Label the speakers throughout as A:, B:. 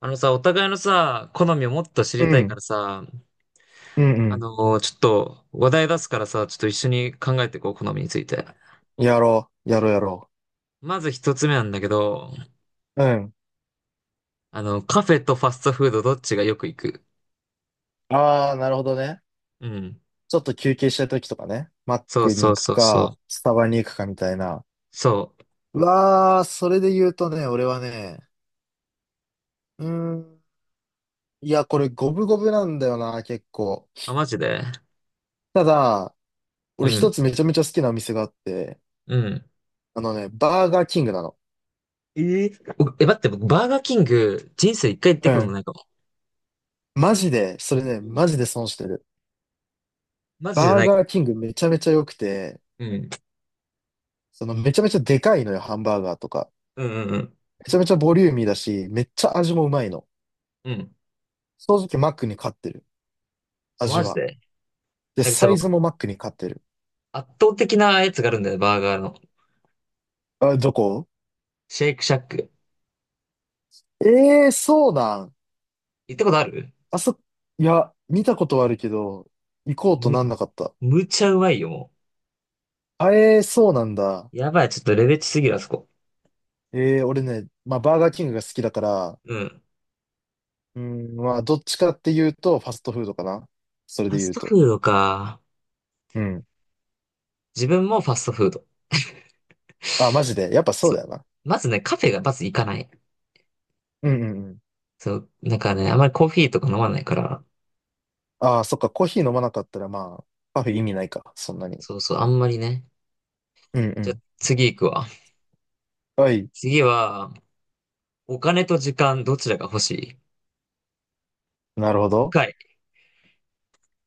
A: あのさ、お互いのさ、好みをもっと知
B: う
A: りたいか
B: ん、
A: らさ、
B: うん、
A: ちょっと話題出すからさ、ちょっと一緒に考えていこう、好みについて。
B: うん。やろう、やろう、やろ
A: まず一つ目なんだけど、
B: う。うん。
A: あの、カフェとファストフードどっちがよく行く？
B: ああ、なるほどね。
A: うん。
B: ちょっと休憩したい時とかね。マッ
A: そう
B: クに
A: そ
B: 行
A: う
B: く
A: そうそう。
B: か、スタバに行くかみたいな。
A: そう。
B: うわあ、それで言うとね、俺はね、うーん。いや、これ五分五分なんだよな、結構。
A: あ、マジで？
B: ただ、俺
A: う
B: 一
A: ん。
B: つめちゃめちゃ好きなお店があって、
A: うん。
B: あのね、バーガーキングなの。
A: えー、おえ、待って、僕バーガーキング、人生一回行って
B: う
A: ことも
B: ん。
A: ないかも。
B: マジで、それね、
A: うん。
B: マジで損してる。
A: マジじゃ
B: バー
A: ないか
B: ガーキングめちゃめちゃ良くて、
A: も。うん。
B: そのめちゃめちゃでかいのよ、ハンバーガーとか。
A: うんうんうん。
B: めちゃめちゃボリューミーだし、めっちゃ味もうまいの。
A: うん。
B: 正直マックに勝ってる。
A: あ
B: 味
A: マジ
B: は。
A: で。
B: で、
A: なんかさ、
B: サイズ
A: 僕、
B: もマックに勝ってる。
A: 圧倒的なやつがあるんだよね、バーガーの。
B: あ、どこ？
A: シェイクシャック。
B: ええー、そうなん。
A: 行ったことある？
B: あそ、いや、見たことはあるけど、行こうと
A: む、
B: なんなかった。
A: むちゃうまいよ、も
B: あ、ええー、そうなんだ。
A: う。やばい、ちょっとレベチすぎる、あそこ。
B: ええー、俺ね、まあ、バーガーキングが好きだから、
A: うん。
B: うん、まあ、どっちかっていうと、ファストフードかな。それ
A: ファ
B: で
A: ス
B: 言う
A: ト
B: と。
A: フードか。
B: うん。
A: 自分もファストフード。
B: あ、マジで。やっぱそう
A: そう。
B: だよな。
A: まずね、カフェがまず行かない。
B: うんうんうん。
A: そう。なんかね、あんまりコーヒーとか飲まないから。
B: ああ、そっか、コーヒー飲まなかったら、まあ、カフェ意味ないか、そんなに。
A: そうそう、あんまりね。
B: うんう
A: じゃあ、
B: ん。
A: 次行くわ。
B: はい。
A: 次は、お金と時間、どちらが欲しい？
B: なるほど。
A: 深い。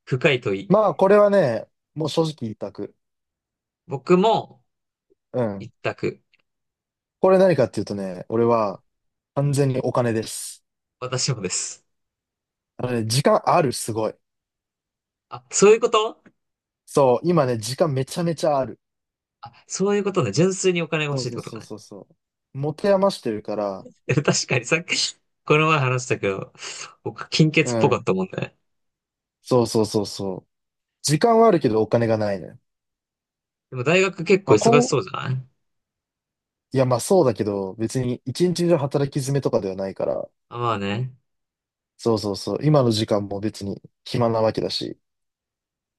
A: 深い問い。
B: まあ、これはね、もう正直一択。
A: 僕も、
B: う
A: 一
B: ん。
A: 択。
B: これ何かっていうとね、俺は完全にお金です。
A: 私もです。
B: あのね、時間ある、すごい。
A: あ、そういうこと？
B: そう、今ね、時間めちゃめちゃある。
A: あ、そういうことね。純粋にお金が欲
B: そ
A: しい
B: う
A: っ
B: そう
A: てこと
B: そう
A: ね。
B: そうそう。持て余してるから、
A: え確かにさっき、この前話したけど、僕、金
B: う
A: 欠っぽかっ
B: ん。
A: たもんね。
B: そうそうそうそう。時間はあるけどお金がないね。
A: でも大学結
B: ま
A: 構
B: あ、
A: 忙しそうじゃない？
B: いや、まあそうだけど、別に一日中働き詰めとかではないから、
A: あ、まあね。
B: そうそうそう。今の時間も別に暇なわけだし、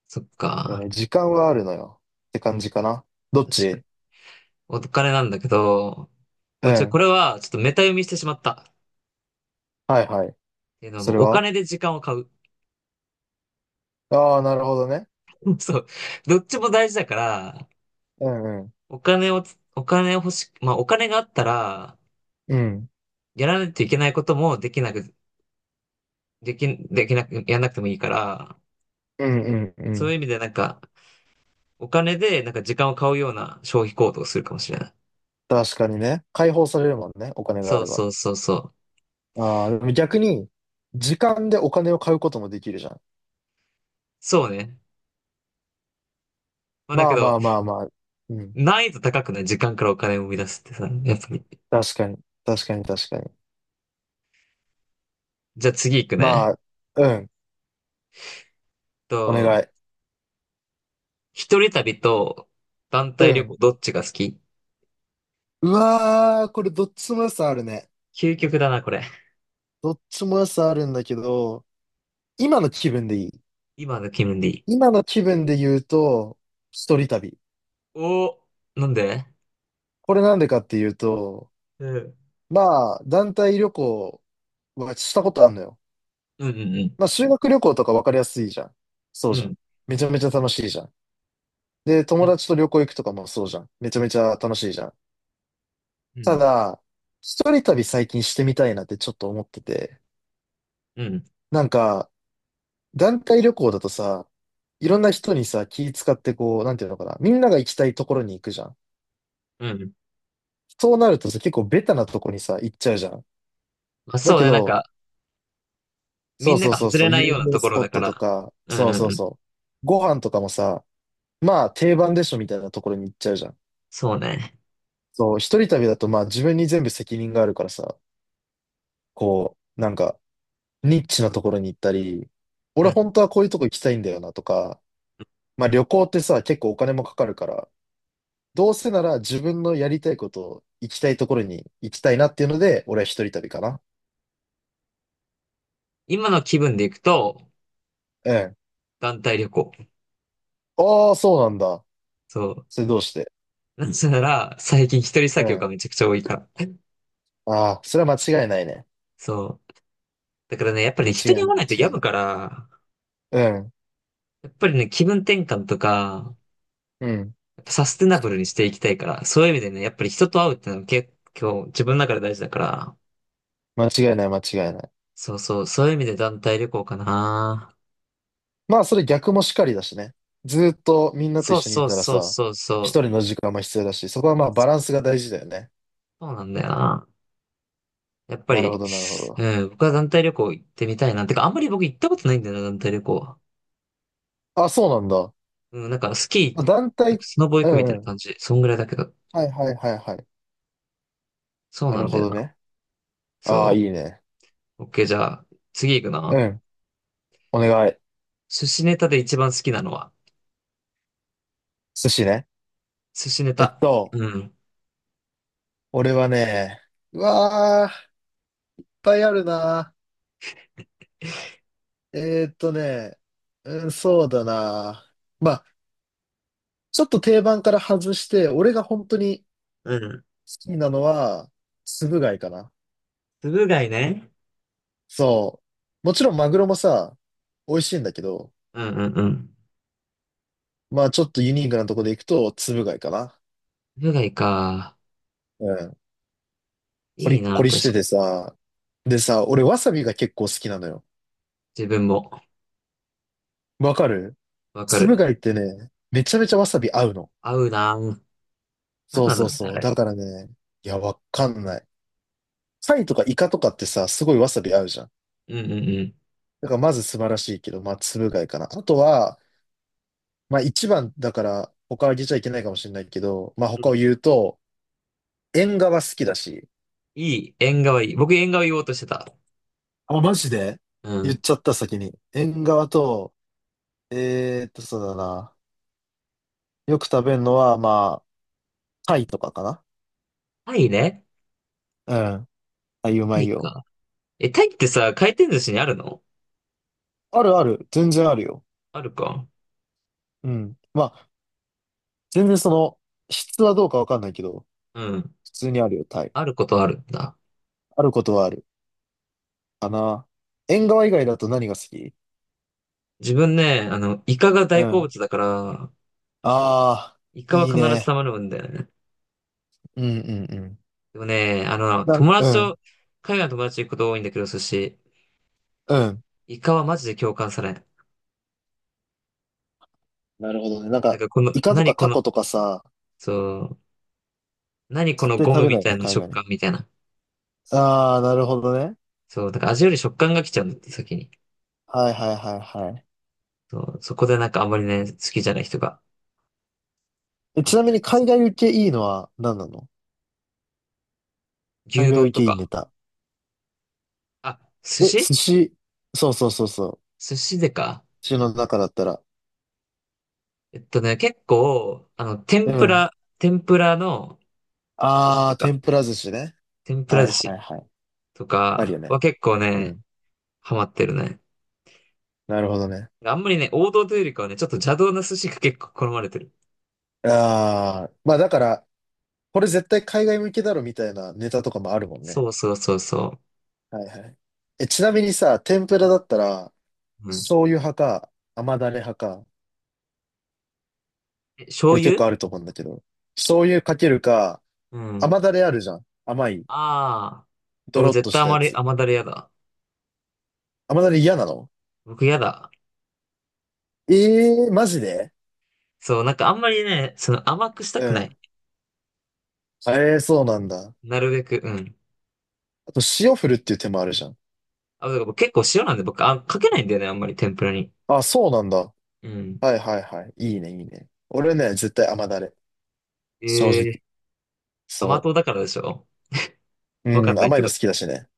A: そっ
B: だから
A: か。
B: ね、時間はあるのよ。って感じかな。どっ
A: 確かに。
B: ち？
A: お金なんだけど、ご
B: う
A: めん、ちょ、こ
B: ん。
A: れはちょっとメタ読みしてしまった。っ
B: はいはい。
A: ていうのはも
B: そ
A: う
B: れ
A: お
B: は、
A: 金で時間を買う。
B: ああー、なるほどね。
A: そう。どっちも大事だから、
B: うんうん。
A: お金をつ、お金を欲し、まあお金があったら、
B: うん。
A: やらないといけないこともできなく、でき、できなく、やらなくてもいいから、
B: うんうんう
A: そういう
B: ん。
A: 意味でなんか、お金でなんか時間を買うような消費行動をするかもしれない。
B: 確かにね。解放されるもんね。お金があ
A: そう
B: れば。
A: そうそうそう。
B: ああ、でも逆に、時間でお金を買うこともできるじゃん。
A: そうね。まあだ
B: ま
A: け
B: あ
A: ど、
B: まあまあまあ。うん。
A: 難易度高くない？時間からお金を生み出すってさ、やっぱり。
B: 確かに。確かに確かに。
A: じゃあ次行く
B: ま
A: ね。
B: あ、うん。お願
A: と、
B: い。
A: 一人旅と団
B: う
A: 体旅行
B: ん。
A: どっちが好き？
B: うわー、これどっちも良さあるね。
A: 究極だな、これ。
B: どっちも良さあるんだけど、今の気分でいい。
A: 今の気分でいい。
B: 今の気分で言うと、一人旅。
A: お、なんで？
B: これなんでかっていうと、
A: うん。
B: まあ、団体旅行はしたことあるのよ。
A: うんうん
B: まあ、修学旅行とか分かりやすいじゃん。そう
A: うん。う
B: じゃん。
A: ん。
B: めちゃめちゃ楽しいじゃん。で、友
A: う
B: 達と旅行行くとかもそうじゃん。めちゃめちゃ楽しいじゃん。た
A: ん。
B: だ、一人旅最近してみたいなってちょっと思ってて。
A: うん。
B: なんか、団体旅行だとさ、いろんな人にさ、気使ってこう、なんていうのかな。みんなが行きたいところに行くじゃん。
A: うん。
B: そうなるとさ、結構ベタなとこにさ、行っちゃうじゃん。
A: まあ
B: だ
A: そう
B: け
A: ね、なん
B: ど、
A: か、み
B: そう
A: んな
B: そう
A: が
B: そう
A: 外
B: そ
A: れ
B: う、
A: な
B: 有
A: いような
B: 名
A: とこ
B: ス
A: ろ
B: ポ
A: だ
B: ッ
A: か
B: トと
A: ら。
B: か、
A: うん
B: そ
A: う
B: うそ
A: ん
B: う
A: うん。
B: そう。ご飯とかもさ、まあ定番でしょみたいなところに行っちゃうじゃん。
A: そうね。
B: そう、一人旅だとまあ自分に全部責任があるからさ、こう、なんか、ニッチなところに行ったり、
A: う
B: 俺
A: ん。
B: 本当はこういうとこ行きたいんだよなとか、まあ旅行ってさ、結構お金もかかるから、どうせなら自分のやりたいことを行きたいところに行きたいなっていうので、俺は一人旅かな。
A: 今の気分で行くと、
B: うん。
A: 団体旅行。
B: ああ、そうなんだ。
A: そ
B: それどうして？
A: う。なせなら、最近一人
B: う
A: 作業が
B: ん。
A: めちゃくちゃ多いから。
B: ああ、それは間違いないね。
A: そう。だからね、やっぱり
B: 間違
A: 人
B: い
A: に会
B: な
A: わ
B: い、
A: な
B: 間
A: いと
B: 違い
A: 病む
B: な
A: か
B: い。
A: ら、
B: うん。
A: やっぱりね、気分転換とか、
B: うん。
A: やっぱサステナブルにしていきたいから、そういう意味でね、やっぱり人と会うってのは結構自分の中で大事だから、
B: 間違いない、間違いない。
A: そうそう、そういう意味で団体旅行かな。
B: まあ、それ逆もしかりだしね。ずーっとみんなと一
A: そう
B: 緒にい
A: そう
B: たら
A: そう
B: さ、
A: そうそ
B: 一
A: う。
B: 人の時間も必要だし、そこはまあバランスが大事だよね。
A: そうなんだよな。やっぱ
B: なるほ
A: り、
B: ど、なるほど。
A: うん、僕は団体旅行行ってみたいな。てか、あんまり僕行ったことないんだよな、団体旅行。
B: あ、そうなんだ。
A: うん、なんかスキ
B: あ
A: ー、
B: 団
A: なんか
B: 体、
A: スノボ行
B: う
A: くみたい
B: んう
A: な
B: ん。
A: 感じ。そんぐらいだけど。
B: はいはいはいはい。
A: そう
B: な
A: な
B: る
A: んだ
B: ほ
A: よ
B: ど
A: な。
B: ね。ああ、い
A: そ
B: いね。
A: う。オッケー、じゃあ、次行く
B: う
A: な。
B: ん。お願い。
A: 寿司ネタで一番好きなのは。
B: 寿司ね。
A: 寿司ネ
B: えっ
A: タ。
B: と、
A: うん。
B: 俺はね、うわあ、いっぱいあるな。えーっとね、うん、そうだな。まあ、ちょっと定番から外して、俺が本当に
A: うん。
B: 好きなのは、つぶ貝かな。
A: つぶ貝ね。
B: そう。もちろんマグロもさ、美味しいんだけど、
A: うんうんうん。
B: まあちょっとユニークなとこで行くと、つぶ貝かな。
A: つぶ貝か。
B: うん。コ
A: い
B: リ
A: い
B: ッ
A: な、
B: コ
A: 確
B: リ
A: か
B: してて
A: に。
B: さ、でさ、俺わさびが結構好きなのよ。
A: 自分も。
B: わかる？
A: わか
B: つぶ
A: る。
B: 貝ってね、めちゃめちゃわさび合うの。
A: 合うな。なん
B: そう
A: なんだ
B: そ
A: ろ
B: う
A: うね、あ
B: そう。
A: れ。
B: だからね、いや、わかんない。貝とかイカとかってさ、すごいわさび合うじゃん。
A: うんうんうん。
B: だからまず素晴らしいけど、まあつぶ貝かな。あとは、まあ一番だから、他は言っちゃいけないかもしれないけど、まあ
A: うん。
B: 他を言うと、縁側好きだし、
A: いい。縁側いい。僕縁側言おうとしてた。
B: あ、マジで？
A: う
B: 言っ
A: ん。
B: ちゃった先に。縁側と、そうだな。よく食べるのは、まあ、貝とかかな。
A: タイね。
B: うん。あ、いう
A: タ
B: ま
A: イ
B: いよ。
A: か。え、タイってさ、回転寿司にあるの？
B: あるある。全然あるよ。
A: あるか。
B: うん。まあ、全然その、質はどうかわかんないけど、
A: うん。
B: 普通にあるよ、タイ。
A: あることあるんだ。
B: あることはある。かな。縁側以外だと何が好き？
A: 自分ね、あの、イカが
B: う
A: 大好
B: ん。
A: 物だから、
B: ああ、
A: イカは
B: いい
A: 必ず
B: ね。
A: 頼むんだよね。
B: うんうんうん。
A: でもね、あの、友
B: う
A: 達
B: ん、
A: と、海外の友達と行くこと多いんだけど、寿司、
B: うん。
A: イカはマジで共感されん。
B: なるほどね。なん
A: なん
B: か、
A: かこの、
B: イカと
A: 何
B: か
A: こ
B: タ
A: の、
B: コとかさ、
A: そう、何こ
B: 絶
A: の
B: 対
A: ゴ
B: 食
A: ム
B: べ
A: み
B: ない
A: たい
B: ね、
A: な
B: 海
A: 食
B: 外の。
A: 感みたいな。
B: ああ、なるほどね。
A: そう、だから味より食感が来ちゃうんだって、先に。
B: はいはいはいはい。
A: そう、そこでなんかあんまりね、好きじゃない人が
B: え、
A: あ
B: ち
A: っ
B: なみ
A: た
B: に
A: りす
B: 海
A: る。
B: 外受けいいのは何なの？海
A: 牛
B: 外
A: 丼
B: 受
A: と
B: けいいネ
A: か。
B: タ。
A: あ、寿
B: え、
A: 司。
B: 寿司。そうそうそうそう。
A: 寿司でか。
B: 寿司の中だったら。
A: えっとね、結構、あの、
B: う
A: 天ぷ
B: ん。
A: ら、天ぷらの寿司
B: あ
A: で
B: あ、
A: か。
B: 天ぷら寿司ね。
A: 天ぷ
B: は
A: ら
B: い
A: 寿
B: は
A: 司。
B: いはい。
A: と
B: あるよ
A: か
B: ね。
A: は結構
B: う
A: ね、
B: ん。
A: ハマってるね。
B: なるほどね。
A: あんまりね、王道というよりかはね、ちょっと邪道な寿司が結構好まれてる。
B: ああ、まあだから、これ絶対海外向けだろみたいなネタとかもあるもんね。
A: そうそうそうそ
B: はいはい。え、ちなみにさ、天ぷらだったら、
A: う。うん。
B: 醤油派か、甘だれ派か、
A: え、
B: こ
A: 醤
B: れ結
A: 油？
B: 構あると思うんだけど、醤油かけるか、
A: うん。
B: 甘だれあるじゃん。甘い、
A: ああ。
B: ド
A: 僕
B: ロッ
A: 絶
B: とし
A: 対
B: た
A: 甘
B: や
A: り、
B: つ。
A: 甘だれやだ。
B: 甘だれ嫌なの？
A: 僕やだ。
B: ええー、マジで？
A: そう、なんかあんまりね、その甘くした
B: う
A: くない。
B: ん。ええー、そうなんだ。
A: なるべく、うん。
B: あと、塩振るっていう手もあるじゃん。
A: あ、だから僕結構塩なんで僕、あ、かけないんだよね、あんまり天ぷらに。
B: あ、そうなんだ。
A: うん。
B: はいはいはい。いいね、いいね。俺ね、絶対甘だれ。正直。
A: ええ。甘
B: そ
A: 党だからでしょ？
B: う。
A: わか
B: う
A: ん
B: ん、
A: ない
B: 甘い
A: け
B: の
A: ど。
B: 好きだしね。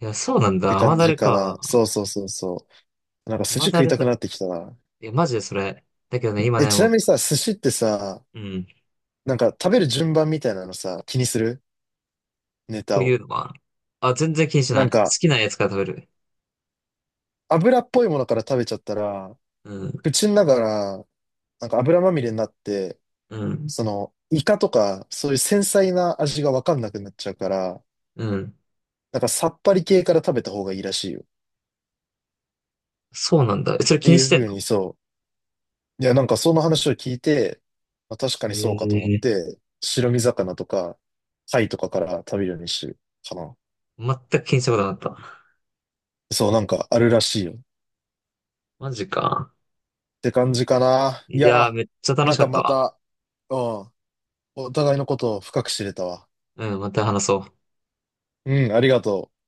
A: いや、そうなん
B: って
A: だ。甘
B: 感
A: だ
B: じ
A: れ
B: か
A: か。
B: な。そうそうそうそう。なんか寿司
A: 甘だ
B: 食い
A: れ
B: た
A: だ。
B: くなってきたな。
A: いや、マジでそれ。だけどね、今
B: え、
A: ね、
B: ち
A: も
B: なみ
A: う、
B: にさ、寿司ってさ、
A: うん。
B: なんか食べる順番みたいなのさ、気にする？ネ
A: と
B: タ
A: い
B: を。
A: うのは、あ、全然気にしな
B: な
A: い。
B: ん
A: 好
B: か、
A: きなやつから食べる。
B: 油っぽいものから食べちゃったら、
A: うん、
B: 口の中らなんか油まみれになって、
A: うん、
B: その、イカとか、そういう繊細な味がわかんなくなっちゃうから、
A: うん。
B: なんかさっぱり系から食べた方がいいらしいよ。っ
A: そうなんだ。えそれ気
B: て
A: に
B: い
A: し
B: うふ
A: てん
B: う
A: の？
B: に、そう。いや、なんかその話を聞いて、まあ、確か
A: え
B: に
A: え
B: そうかと思っ
A: ー。
B: て、白身魚とか、貝とかから食べるようにしてるかな。
A: 全く気にしたことなかった。
B: そう、なんかあるらしいよ。っ
A: マジか。
B: て感じかな。い
A: いやー、
B: や、
A: めっちゃ楽
B: な
A: し
B: ん
A: か
B: か
A: った
B: ま
A: わ。
B: た、うん、お互いのことを深く知れたわ。
A: うん、また話そう。
B: うん、ありがとう。